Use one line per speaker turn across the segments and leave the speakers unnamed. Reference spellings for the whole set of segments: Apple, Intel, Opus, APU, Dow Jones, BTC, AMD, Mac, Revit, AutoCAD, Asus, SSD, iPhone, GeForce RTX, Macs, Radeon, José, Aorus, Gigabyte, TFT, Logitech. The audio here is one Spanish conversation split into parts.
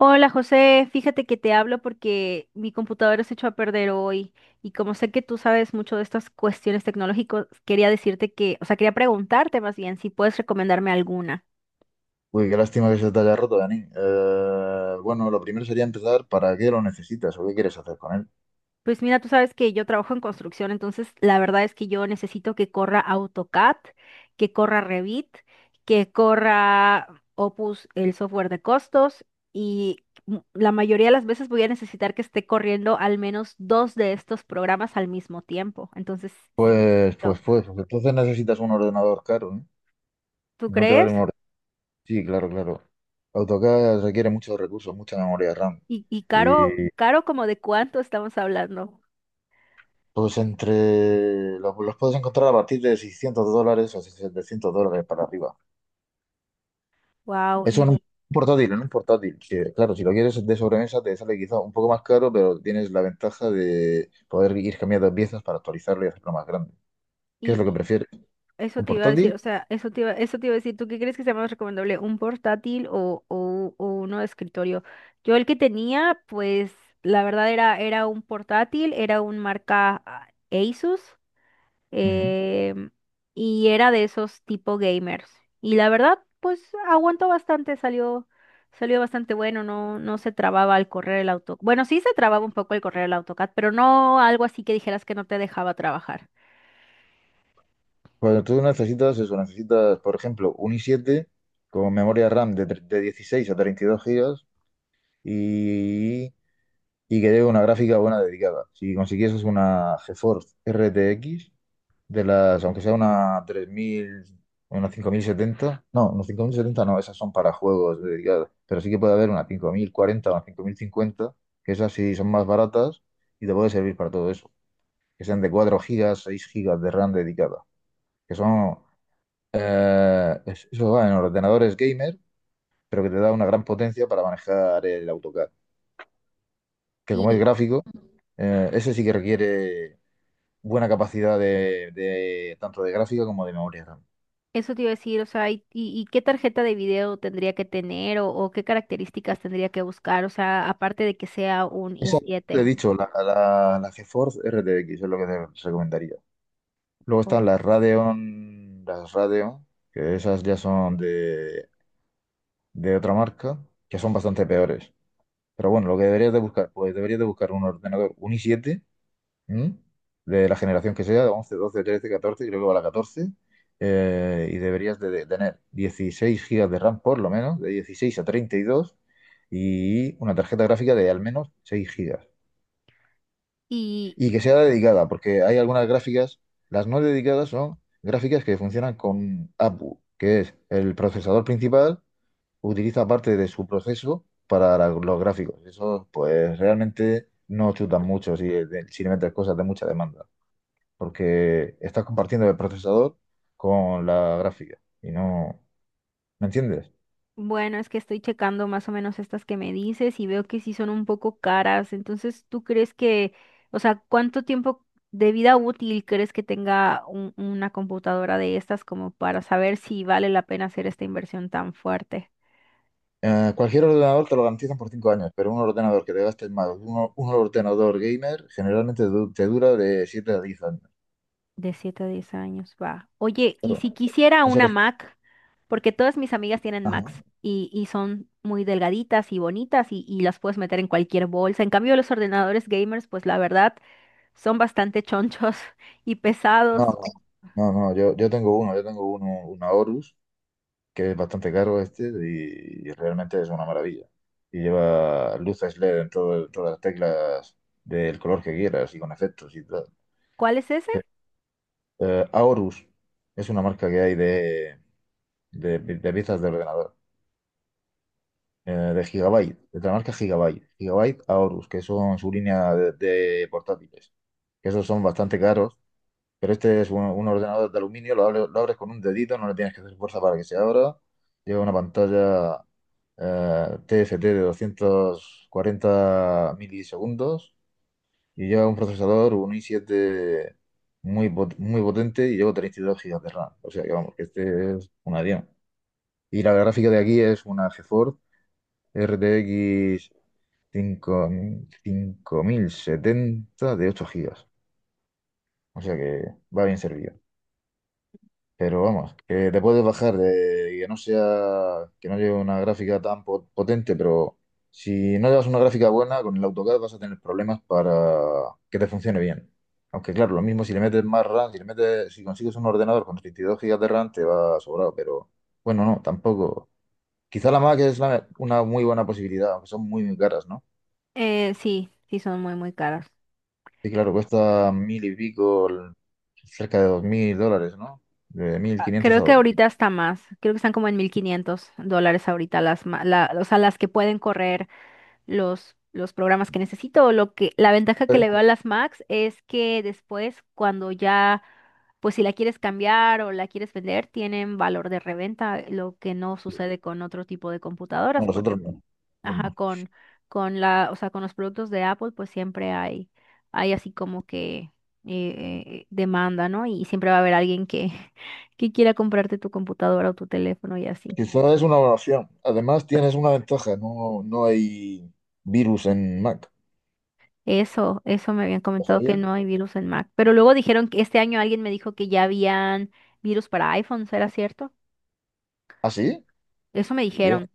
Hola José, fíjate que te hablo porque mi computadora se echó a perder hoy y como sé que tú sabes mucho de estas cuestiones tecnológicas, quería decirte quería preguntarte más bien si puedes recomendarme alguna.
Uy, qué lástima que se te haya roto, Dani. Bueno, lo primero sería empezar, ¿para qué lo necesitas o qué quieres hacer con él?
Pues mira, tú sabes que yo trabajo en construcción, entonces la verdad es que yo necesito que corra AutoCAD, que corra Revit, que corra Opus, el software de costos, y la mayoría de las veces voy a necesitar que esté corriendo al menos dos de estos programas al mismo tiempo. Entonces, sí,
Pues, pues,
no.
pues, pues, entonces necesitas un ordenador caro, ¿eh?
¿Tú
No te vale
crees?
un ordenador. Sí, claro, claro. AutoCAD requiere muchos recursos, mucha memoria RAM.
Y caro,
Y
caro, ¿como de cuánto estamos hablando?
los puedes encontrar a partir de $600 o $700 para arriba.
Wow.
Eso en un portátil, en un portátil. Que, claro, si lo quieres de sobremesa te sale quizá un poco más caro, pero tienes la ventaja de poder ir cambiando piezas para actualizarlo y hacerlo más grande. ¿Qué es lo que
Y,
prefieres?
Eso
¿Un
te iba a
portátil?
decir, o sea, eso te iba a decir, ¿tú qué crees que sea más recomendable? ¿Un portátil o uno de escritorio? Yo el que tenía, pues la verdad era un portátil, era un marca Asus
Ujú.
em, y era de esos tipo gamers. Y la verdad, pues aguantó bastante, salió bastante bueno, no, no se trababa al correr el AutoCAD. Bueno, sí se trababa un poco al correr el AutoCAD, pero no algo así que dijeras que no te dejaba trabajar.
Cuando tú necesitas eso, necesitas, por ejemplo, un i siete con memoria RAM de 16 a 32 gigas y, y que lleve una gráfica buena dedicada. Si consiguieses una GeForce RTX, de las, aunque sea una 3000, una 5070 no, una 5070 no, esas son para juegos dedicadas pero sí que puede haber una 5040 o una 5050 que esas sí son más baratas y te puede servir para todo eso, que sean de 4 gigas, 6 gigas de RAM dedicada, que son, eso va en ordenadores gamer, pero que te da una gran potencia para manejar el AutoCAD, que como es
Y
gráfico, ese sí que requiere buena capacidad tanto de gráfica como de memoria RAM.
Eso te iba a decir, o sea, ¿y, qué tarjeta de video tendría que tener o qué características tendría que buscar? O sea, aparte de que sea un
Te he
i7.
dicho, la GeForce RTX es lo que te recomendaría. Luego
Oh.
están las Radeon, que esas ya son de otra marca, que son bastante peores. Pero bueno, lo que deberías de buscar, pues deberías de buscar un ordenador, un i7, ¿m? De la generación que sea, de 11 12 13 14 creo que va la 14 y deberías de tener 16 gigas de RAM por lo menos, de 16 a 32 y una tarjeta gráfica de al menos 6 gigas.
Y
Y que sea dedicada, porque hay algunas gráficas, las no dedicadas son gráficas que funcionan con APU, que es el procesador principal, utiliza parte de su proceso para los gráficos. Eso, pues realmente no chutan mucho si le metes cosas de mucha demanda, porque estás compartiendo el procesador con la gráfica y no, ¿me entiendes?
bueno, es que estoy checando más o menos estas que me dices y veo que sí son un poco caras. Entonces, ¿tú crees que, o sea, cuánto tiempo de vida útil crees que tenga una computadora de estas como para saber si vale la pena hacer esta inversión tan fuerte?
Cualquier ordenador te lo garantizan por 5 años, pero un ordenador que te gastes más, un ordenador gamer, generalmente te dura de 7 a 10 años.
De 7 a 10 años, va. Oye, ¿y
Claro,
si quisiera
no se
una
les-
Mac? Porque todas mis amigas tienen
Ajá.
Macs y son muy delgaditas y bonitas y las puedes meter en cualquier bolsa. En cambio, los ordenadores gamers, pues la verdad, son bastante chonchos y pesados.
No, no, no, no, yo tengo uno, una Horus, que es bastante caro este, y realmente es una maravilla. Y lleva luces LED en todas las teclas del color que quieras y con efectos y tal.
¿Cuál es ese?
Sí. Aorus es una marca que hay de, piezas de ordenador, de Gigabyte, de la marca Gigabyte. Gigabyte Aorus, que son su línea de portátiles. Que esos son bastante caros. Pero este es un ordenador de aluminio, lo abres con un dedito, no le tienes que hacer fuerza para que se abra. Lleva una pantalla TFT de 240 milisegundos y lleva un procesador, un i7 muy potente y lleva 32 gigas de RAM. O sea que vamos, que este es una diana. Y la gráfica de aquí es una GeForce RTX 5000 5070 de 8 gigas. O sea que va bien servido. Pero vamos, que te puedes bajar de, y que no sea, que no lleve una gráfica tan potente, pero si no llevas una gráfica buena, con el AutoCAD vas a tener problemas para que te funcione bien. Aunque claro, lo mismo si le metes más RAM, si consigues un ordenador con 32 gigas de RAM, te va sobrado, pero bueno, no, tampoco. Quizá la Mac es una muy buena posibilidad, aunque son muy, muy caras, ¿no?
Sí, sí, son muy, muy caras.
Sí, claro, cuesta mil y pico, cerca de $2000, ¿no? De mil
Ah,
quinientos a
creo que
2.000.
ahorita está más. Creo que están como en $1,500 ahorita o sea, las que pueden correr los programas que necesito. La ventaja que le veo a las Macs es que después, cuando ya, pues si la quieres cambiar o la quieres vender, tienen valor de reventa, lo que no sucede con otro tipo de
No,
computadoras. Porque
nosotros no. Nosotros
ajá,
no.
con la, o sea, con los productos de Apple, pues siempre hay así como que demanda, ¿no? Y siempre va a haber alguien que que quiera comprarte tu computadora o tu teléfono y así.
Quizá es una evaluación. Además, tienes una ventaja. No, no hay virus en Mac.
Eso me habían
¿Lo
comentado que
sabía?
no hay virus en Mac. Pero luego dijeron que este año alguien me dijo que ya habían virus para iPhone, ¿será cierto?
¿Ah, sí?
Eso me
Dios.
dijeron.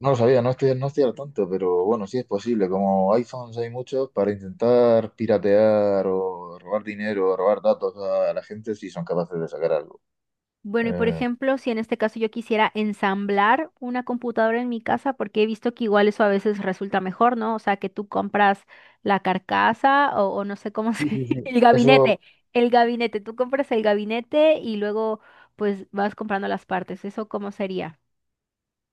No lo sabía, no estoy al tanto, pero bueno, sí es posible. Como iPhones hay muchos, para intentar piratear o robar dinero o robar datos a la gente, sí son capaces de sacar algo.
Bueno, y por
Eh,
ejemplo, si en este caso yo quisiera ensamblar una computadora en mi casa, porque he visto que igual eso a veces resulta mejor, ¿no? O sea, que tú compras la carcasa o no sé cómo
sí,
se...
sí, sí.
el
Eso,
gabinete, tú compras el gabinete y luego pues vas comprando las partes. ¿Eso cómo sería?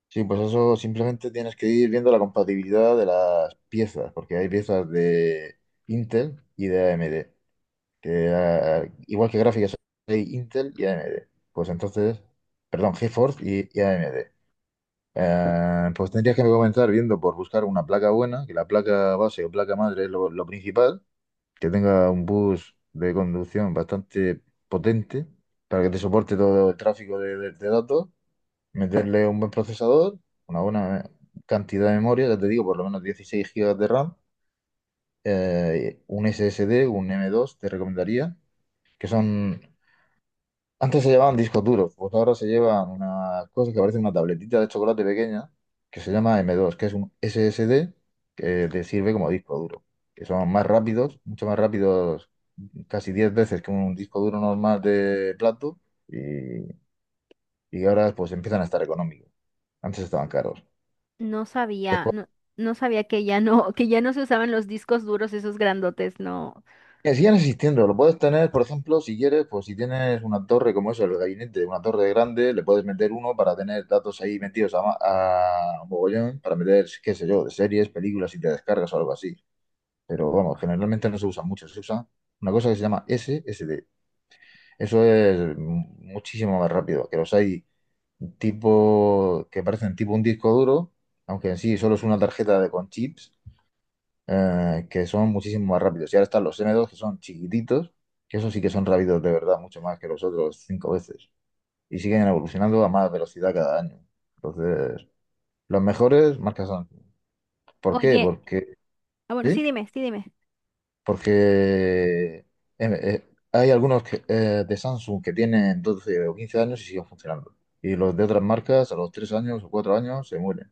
sí, pues eso simplemente tienes que ir viendo la compatibilidad de las piezas, porque hay piezas de Intel y de AMD. Que igual que gráficas hay Intel y AMD. Pues entonces, perdón, GeForce y AMD. Pues tendrías que comenzar viendo por buscar una placa buena, que la placa base o placa madre es lo principal, que tenga un bus de conducción bastante potente para que te soporte todo el tráfico de datos, meterle un buen procesador, una buena cantidad de memoria, ya te digo, por lo menos 16 gigas de RAM, un SSD, un m dos te recomendaría, que son. Antes se llevaban discos duros, pues ahora se llevan una cosa que parece una tabletita de chocolate pequeña que se llama m dos, que es un SSD que te sirve como disco duro, que son más rápidos, mucho más rápidos, casi 10 veces que un disco duro normal de plato y, y ahora pues empiezan a estar económicos. Antes estaban caros.
No sabía, no sabía que ya no que ya no se usaban los discos duros esos grandotes, no.
Que sigan existiendo, lo puedes tener, por ejemplo, si quieres, pues si tienes una torre como eso, el gabinete, una torre grande, le puedes meter uno para tener datos ahí metidos a mogollón, para meter, qué sé yo, de series, películas y te descargas o algo así. Pero vamos, generalmente no se usa mucho, se usa una cosa que se llama SSD. Eso es muchísimo más rápido, que los hay tipo, que parecen tipo un disco duro, aunque en sí solo es una tarjeta con chips que son muchísimo más rápidos. Y ahora están los N dos que son chiquititos, que esos sí que son rápidos de verdad, mucho más que los otros 5 veces. Y siguen evolucionando a más velocidad cada año. Entonces, los mejores marcas son. ¿Por qué?
Oye,
Porque,
ah, bueno,
¿sí?
sí, dime, sí, dime.
Porque hay algunos de Samsung que tienen 12 o 15 años y siguen funcionando. Y los de otras marcas a los 3 años o 4 años se mueren.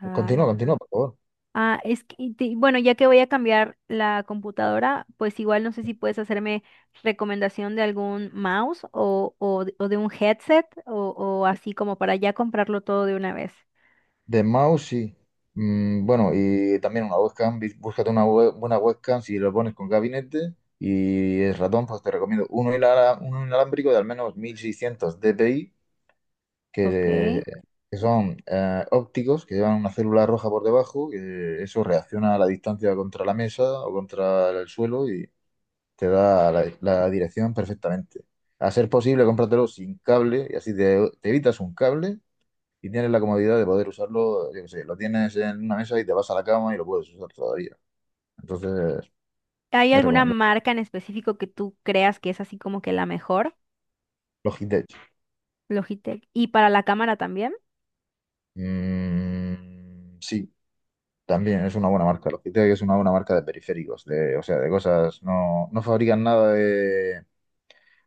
Ah,
Continúa, continúa, por favor.
es que, y bueno, ya que voy a cambiar la computadora, pues igual no sé si puedes hacerme recomendación de algún mouse o de un headset o así como para ya comprarlo todo de una vez.
De mouse, sí. Bueno, y también una webcam. Búscate una buena webcam si lo pones con gabinete. Y el ratón, pues te recomiendo uno inalámbrico de al menos 1600 dpi,
Ok.
que, que son ópticos, que llevan una célula roja por debajo, que eso reacciona a la distancia contra la mesa o contra el suelo y te da la dirección perfectamente. A ser posible, cómpratelo sin cable y así te evitas un cable y tienes la comodidad de poder usarlo, yo qué sé, lo tienes en una mesa y te vas a la cama y lo puedes usar todavía. Entonces,
¿Hay
es
alguna
recomendable.
marca en específico que tú creas que es así como que la mejor?
Logitech.
Logitech. ¿Y para la cámara también?
Mm, sí, también es una buena marca. Logitech es una buena marca de periféricos, de, o sea, de cosas. No, no fabrican nada de,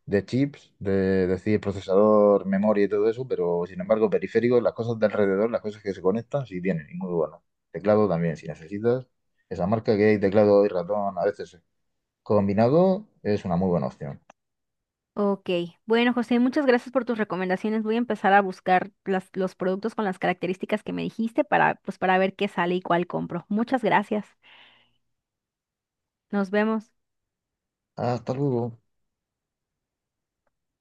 de chips, decir procesador, memoria y todo eso, pero sin embargo, periféricos, las cosas de alrededor, las cosas que se conectan, sí tienen, y muy bueno. Teclado también, si necesitas. Esa marca que hay teclado y ratón a veces combinado es una muy buena opción.
Ok, bueno José, muchas gracias por tus recomendaciones. Voy a empezar a buscar los productos con las características que me dijiste para, pues, para ver qué sale y cuál compro. Muchas gracias. Nos vemos.
Hasta luego.